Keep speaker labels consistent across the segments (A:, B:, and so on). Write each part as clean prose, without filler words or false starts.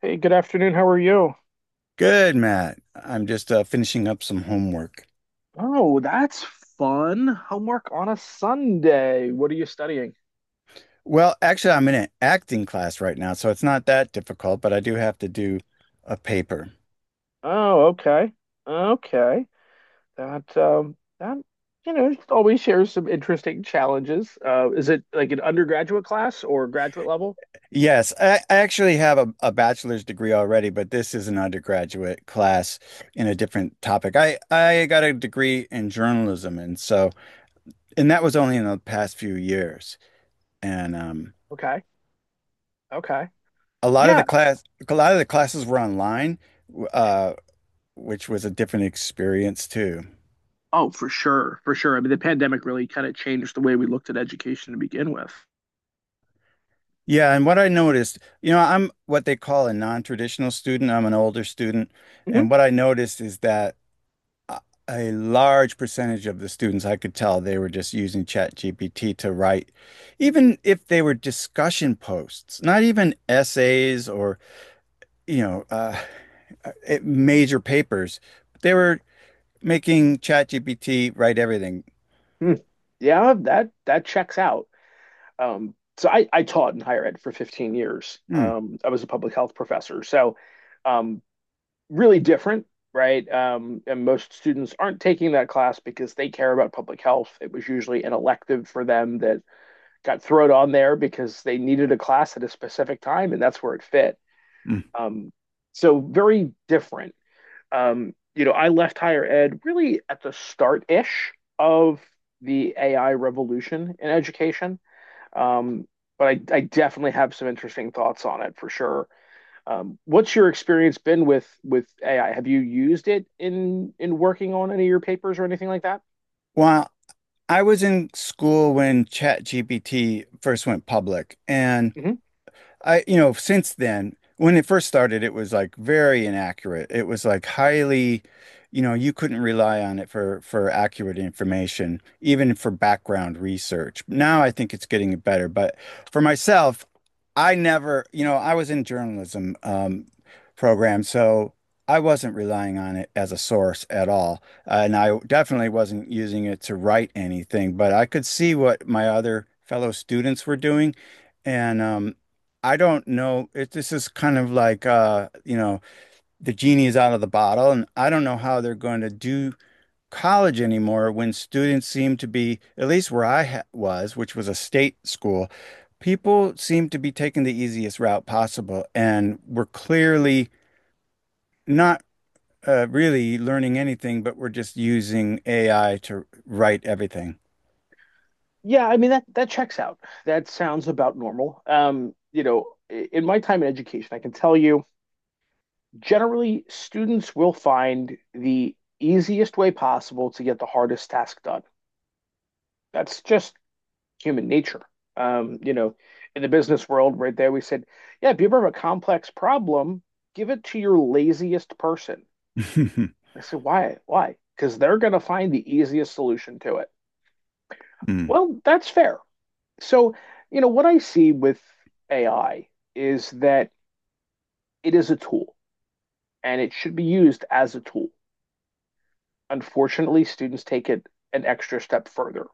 A: Hey, good afternoon. How are you?
B: Good, Matt. I'm just finishing up some homework.
A: Oh, that's fun. Homework on a Sunday. What are you studying?
B: Well, actually, I'm in an acting class right now, so it's not that difficult, but I do have to do a paper.
A: Oh, okay. Okay. That always shares some interesting challenges. Is it like an undergraduate class or graduate level?
B: Yes, I actually have a bachelor's degree already, but this is an undergraduate class in a different topic. I got a degree in journalism, and so, and that was only in the past few years. And
A: Okay. Okay.
B: A lot of the
A: Yeah.
B: class, a lot of the classes were online, w- uh, which was a different experience too.
A: Oh, for sure. For sure. I mean, the pandemic really kind of changed the way we looked at education to begin with.
B: Yeah, and what I noticed, you know, I'm what they call a non-traditional student. I'm an older student,
A: hmm
B: and what I noticed is that a a large percentage of the students, I could tell they were just using ChatGPT to write, even if they were discussion posts, not even essays or, you know, uh, uh, major papers. They were making ChatGPT write everything.
A: Yeah, that checks out. So I taught in higher ed for 15 years.
B: Hmm.
A: I was a public health professor. So um, really different, right? And most students aren't taking that class because they care about public health. It was usually an elective for them that got thrown on there because they needed a class at a specific time, and that's where it fit.
B: Hmm.
A: Um, so very different. You know, I left higher ed really at the start-ish of the AI revolution in education. Um, but I definitely have some interesting thoughts on it for sure. What's your experience been with AI? Have you used it in working on any of your papers or anything like that?
B: Well, I was in school when ChatGPT first went public, and
A: hmm
B: I, you know, since then, when it first started, it was like very inaccurate. It was like highly, you know, you couldn't rely on it for accurate information, even for background research. Now I think it's getting better, but for myself, I never, you know, I was in journalism program, so I wasn't relying on it as a source at all, and I definitely wasn't using it to write anything. But I could see what my other fellow students were doing. And I don't know. It, this is kind of like you know, the genie is out of the bottle, and I don't know how they're going to do college anymore when students seem to be, at least where I ha was, which was a state school, people seem to be taking the easiest route possible, and we're clearly not really learning anything, but we're just using AI to write everything.
A: Yeah, I mean that checks out. That sounds about normal. You know, in my time in education, I can tell you generally students will find the easiest way possible to get the hardest task done. That's just human nature. You know, in the business world, right there, we said, yeah, if you ever have a complex problem, give it to your laziest person. I said, why? Why? Because they're going to find the easiest solution to it.
B: Mm.
A: Well, that's fair. So, you know, what I see with AI is that it is a tool and it should be used as a tool. Unfortunately, students take it an extra step further.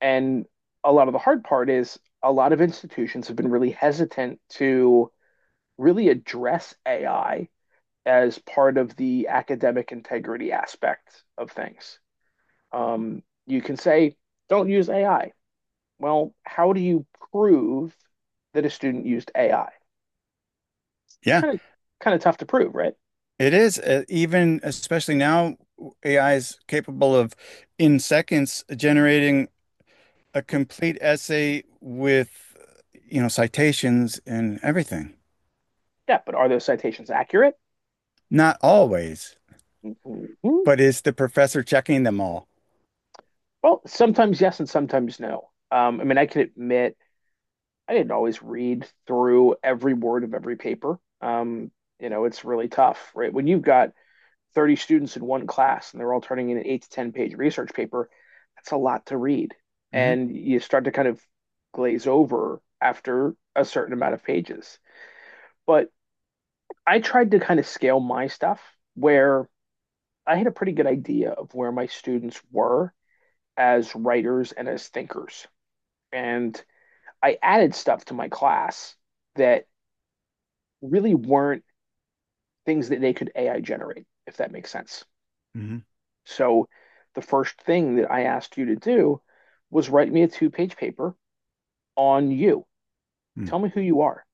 A: And a lot of the hard part is a lot of institutions have been really hesitant to really address AI as part of the academic integrity aspect of things. You can say, don't use AI. Well, how do you prove that a student used AI?
B: Yeah.
A: Kind of, kind of tough to prove, right?
B: It is even especially now AI is capable of in seconds generating a complete essay with you know citations and everything.
A: Yeah, but are those citations accurate?
B: Not always,
A: Mhm.
B: but is the professor checking them all?
A: Well, sometimes yes, and sometimes no. I mean, I can admit I didn't always read through every word of every paper. You know, it's really tough, right? When you've got 30 students in one class and they're all turning in an eight to 10 page research paper, that's a lot to read.
B: Hmm.
A: And you start to kind of glaze over after a certain amount of pages. But I tried to kind of scale my stuff where I had a pretty good idea of where my students were as writers and as thinkers. And I added stuff to my class that really weren't things that they could AI generate, if that makes sense.
B: Hmm.
A: So the first thing that I asked you to do was write me a two-page paper on you. Tell me who you are.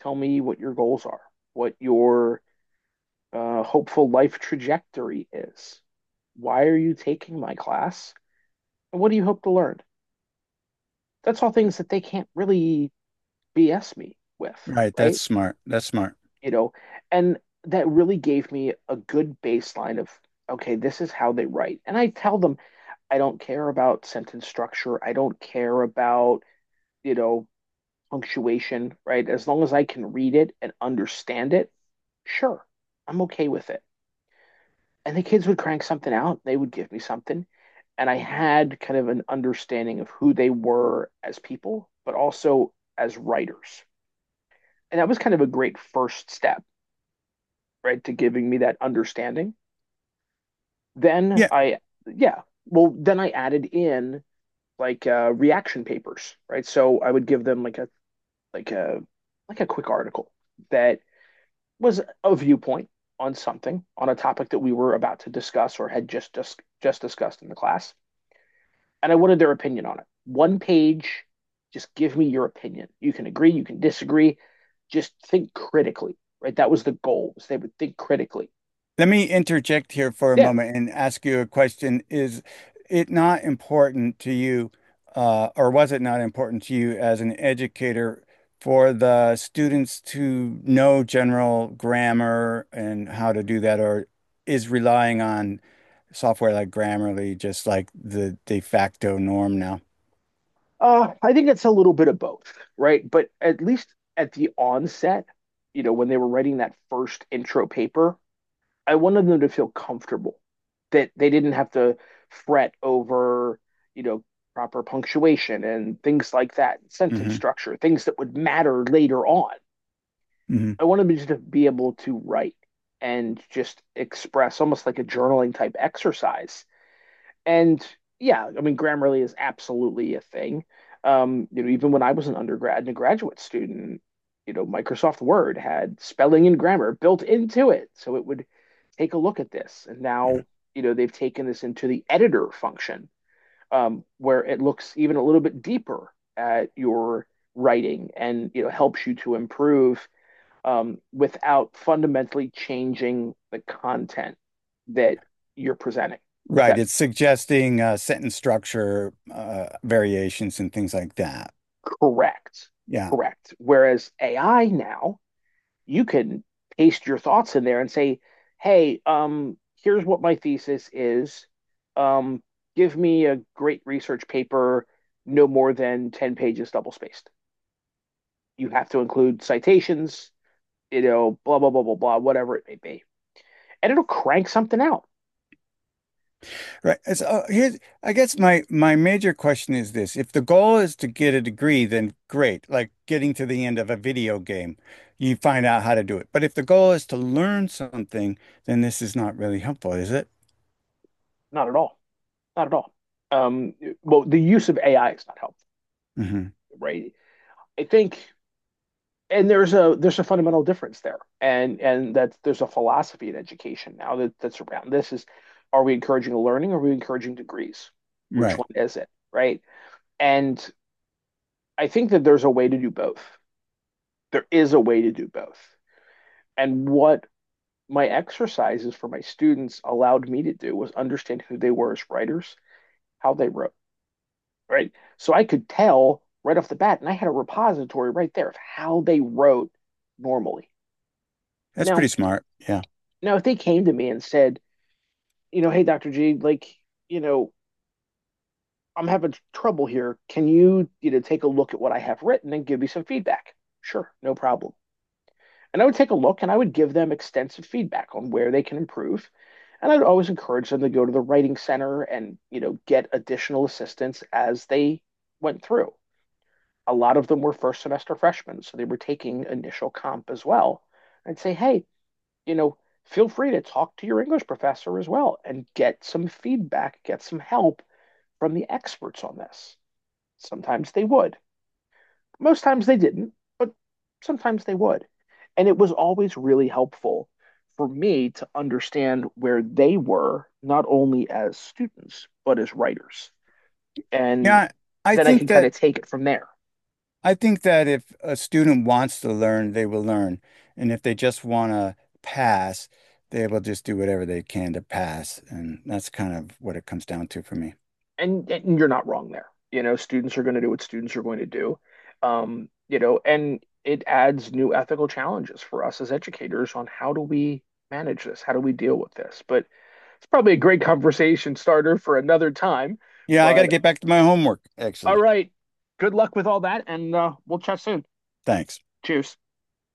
A: Tell me what your goals are, what your hopeful life trajectory is. Why are you taking my class? And what do you hope to learn? That's all things that they can't really BS me with,
B: Right, that's
A: right?
B: smart. That's smart.
A: You know, and that really gave me a good baseline of, okay, this is how they write. And I tell them, I don't care about sentence structure. I don't care about, you know, punctuation, right? As long as I can read it and understand it, sure, I'm okay with it. And the kids would crank something out, they would give me something. And I had kind of an understanding of who they were as people, but also as writers. And that was kind of a great first step, right, to giving me that understanding. Then
B: Yeah.
A: I, yeah, then I added in like reaction papers, right? So I would give them like a like a quick article that was a viewpoint on something on a topic that we were about to discuss or had just discussed in the class, and I wanted their opinion on it. One page, just give me your opinion. You can agree, you can disagree. Just think critically, right? That was the goal. Was they would think critically.
B: Let me interject here for a
A: Yeah,
B: moment and ask you a question. Is it not important to you, or was it not important to you as an educator for the students to know general grammar and how to do that, or is relying on software like Grammarly just like the de facto norm now?
A: I think it's a little bit of both, right? But at least at the onset, you know, when they were writing that first intro paper, I wanted them to feel comfortable that they didn't have to fret over, you know, proper punctuation and things like that, sentence
B: Hmm.
A: structure, things that would matter later on.
B: Hmm.
A: I wanted them just to be able to write and just express almost like a journaling type exercise and yeah, I mean, Grammarly is absolutely a thing. You know, even when I was an undergrad and a graduate student, you know, Microsoft Word had spelling and grammar built into it, so it would take a look at this. And now, you know, they've taken this into the editor function, where it looks even a little bit deeper at your writing and you know helps you to improve without fundamentally changing the content that you're presenting, if
B: Right.
A: that
B: It's suggesting sentence structure variations and things like that.
A: Correct.
B: Yeah.
A: Correct. Whereas AI now, you can paste your thoughts in there and say, "Hey, here's what my thesis is. Um, Give me a great research paper, no more than 10 pages double spaced. You have to include citations, you know, blah, blah, blah, blah, blah, whatever it may be. And it'll crank something out.
B: Right. So here's, I guess my major question is this. If the goal is to get a degree, then great. Like getting to the end of a video game, you find out how to do it. But if the goal is to learn something, then this is not really helpful, is it?
A: Not at all. Not at all. Um, well, the use of AI is not helpful,
B: Hmm.
A: right? I think, and there's a fundamental difference there, and that there's a philosophy in education now that that's around this is, are we encouraging learning? Or are we encouraging degrees? Which
B: Right.
A: one is it, right? And I think that there's a way to do both. There is a way to do both. And what my exercises for my students allowed me to do was understand who they were as writers, how they wrote, right? So I could tell right off the bat, and I had a repository right there of how they wrote normally.
B: That's
A: Now,
B: pretty smart. Yeah.
A: now if they came to me and said, you know, hey, Dr. G, like, you know, I'm having trouble here. Can you, you know, take a look at what I have written and give me some feedback? Sure, no problem. And I would take a look and I would give them extensive feedback on where they can improve. And I'd always encourage them to go to the writing center and, you know, get additional assistance as they went through. A lot of them were first semester freshmen, so they were taking initial comp as well. I'd say, hey, you know, feel free to talk to your English professor as well and get some feedback, get some help from the experts on this. Sometimes they would. Most times they didn't, but sometimes they would. And it was always really helpful for me to understand where they were, not only as students, but as writers. And
B: Yeah. I
A: then I
B: think
A: can kind
B: that
A: of take it from there.
B: I think that if a student wants to learn, they will learn. And if they just want to pass, they will just do whatever they can to pass. And that's kind of what it comes down to for me.
A: And you're not wrong there. You know, students are going to do what students are going to do. You know, and it adds new ethical challenges for us as educators on how do we manage this? How do we deal with this? But it's probably a great conversation starter for another time.
B: Yeah, I got to
A: But
B: get back to my homework,
A: All
B: actually.
A: right. Good luck with all that, and we'll chat soon.
B: Thanks.
A: Cheers.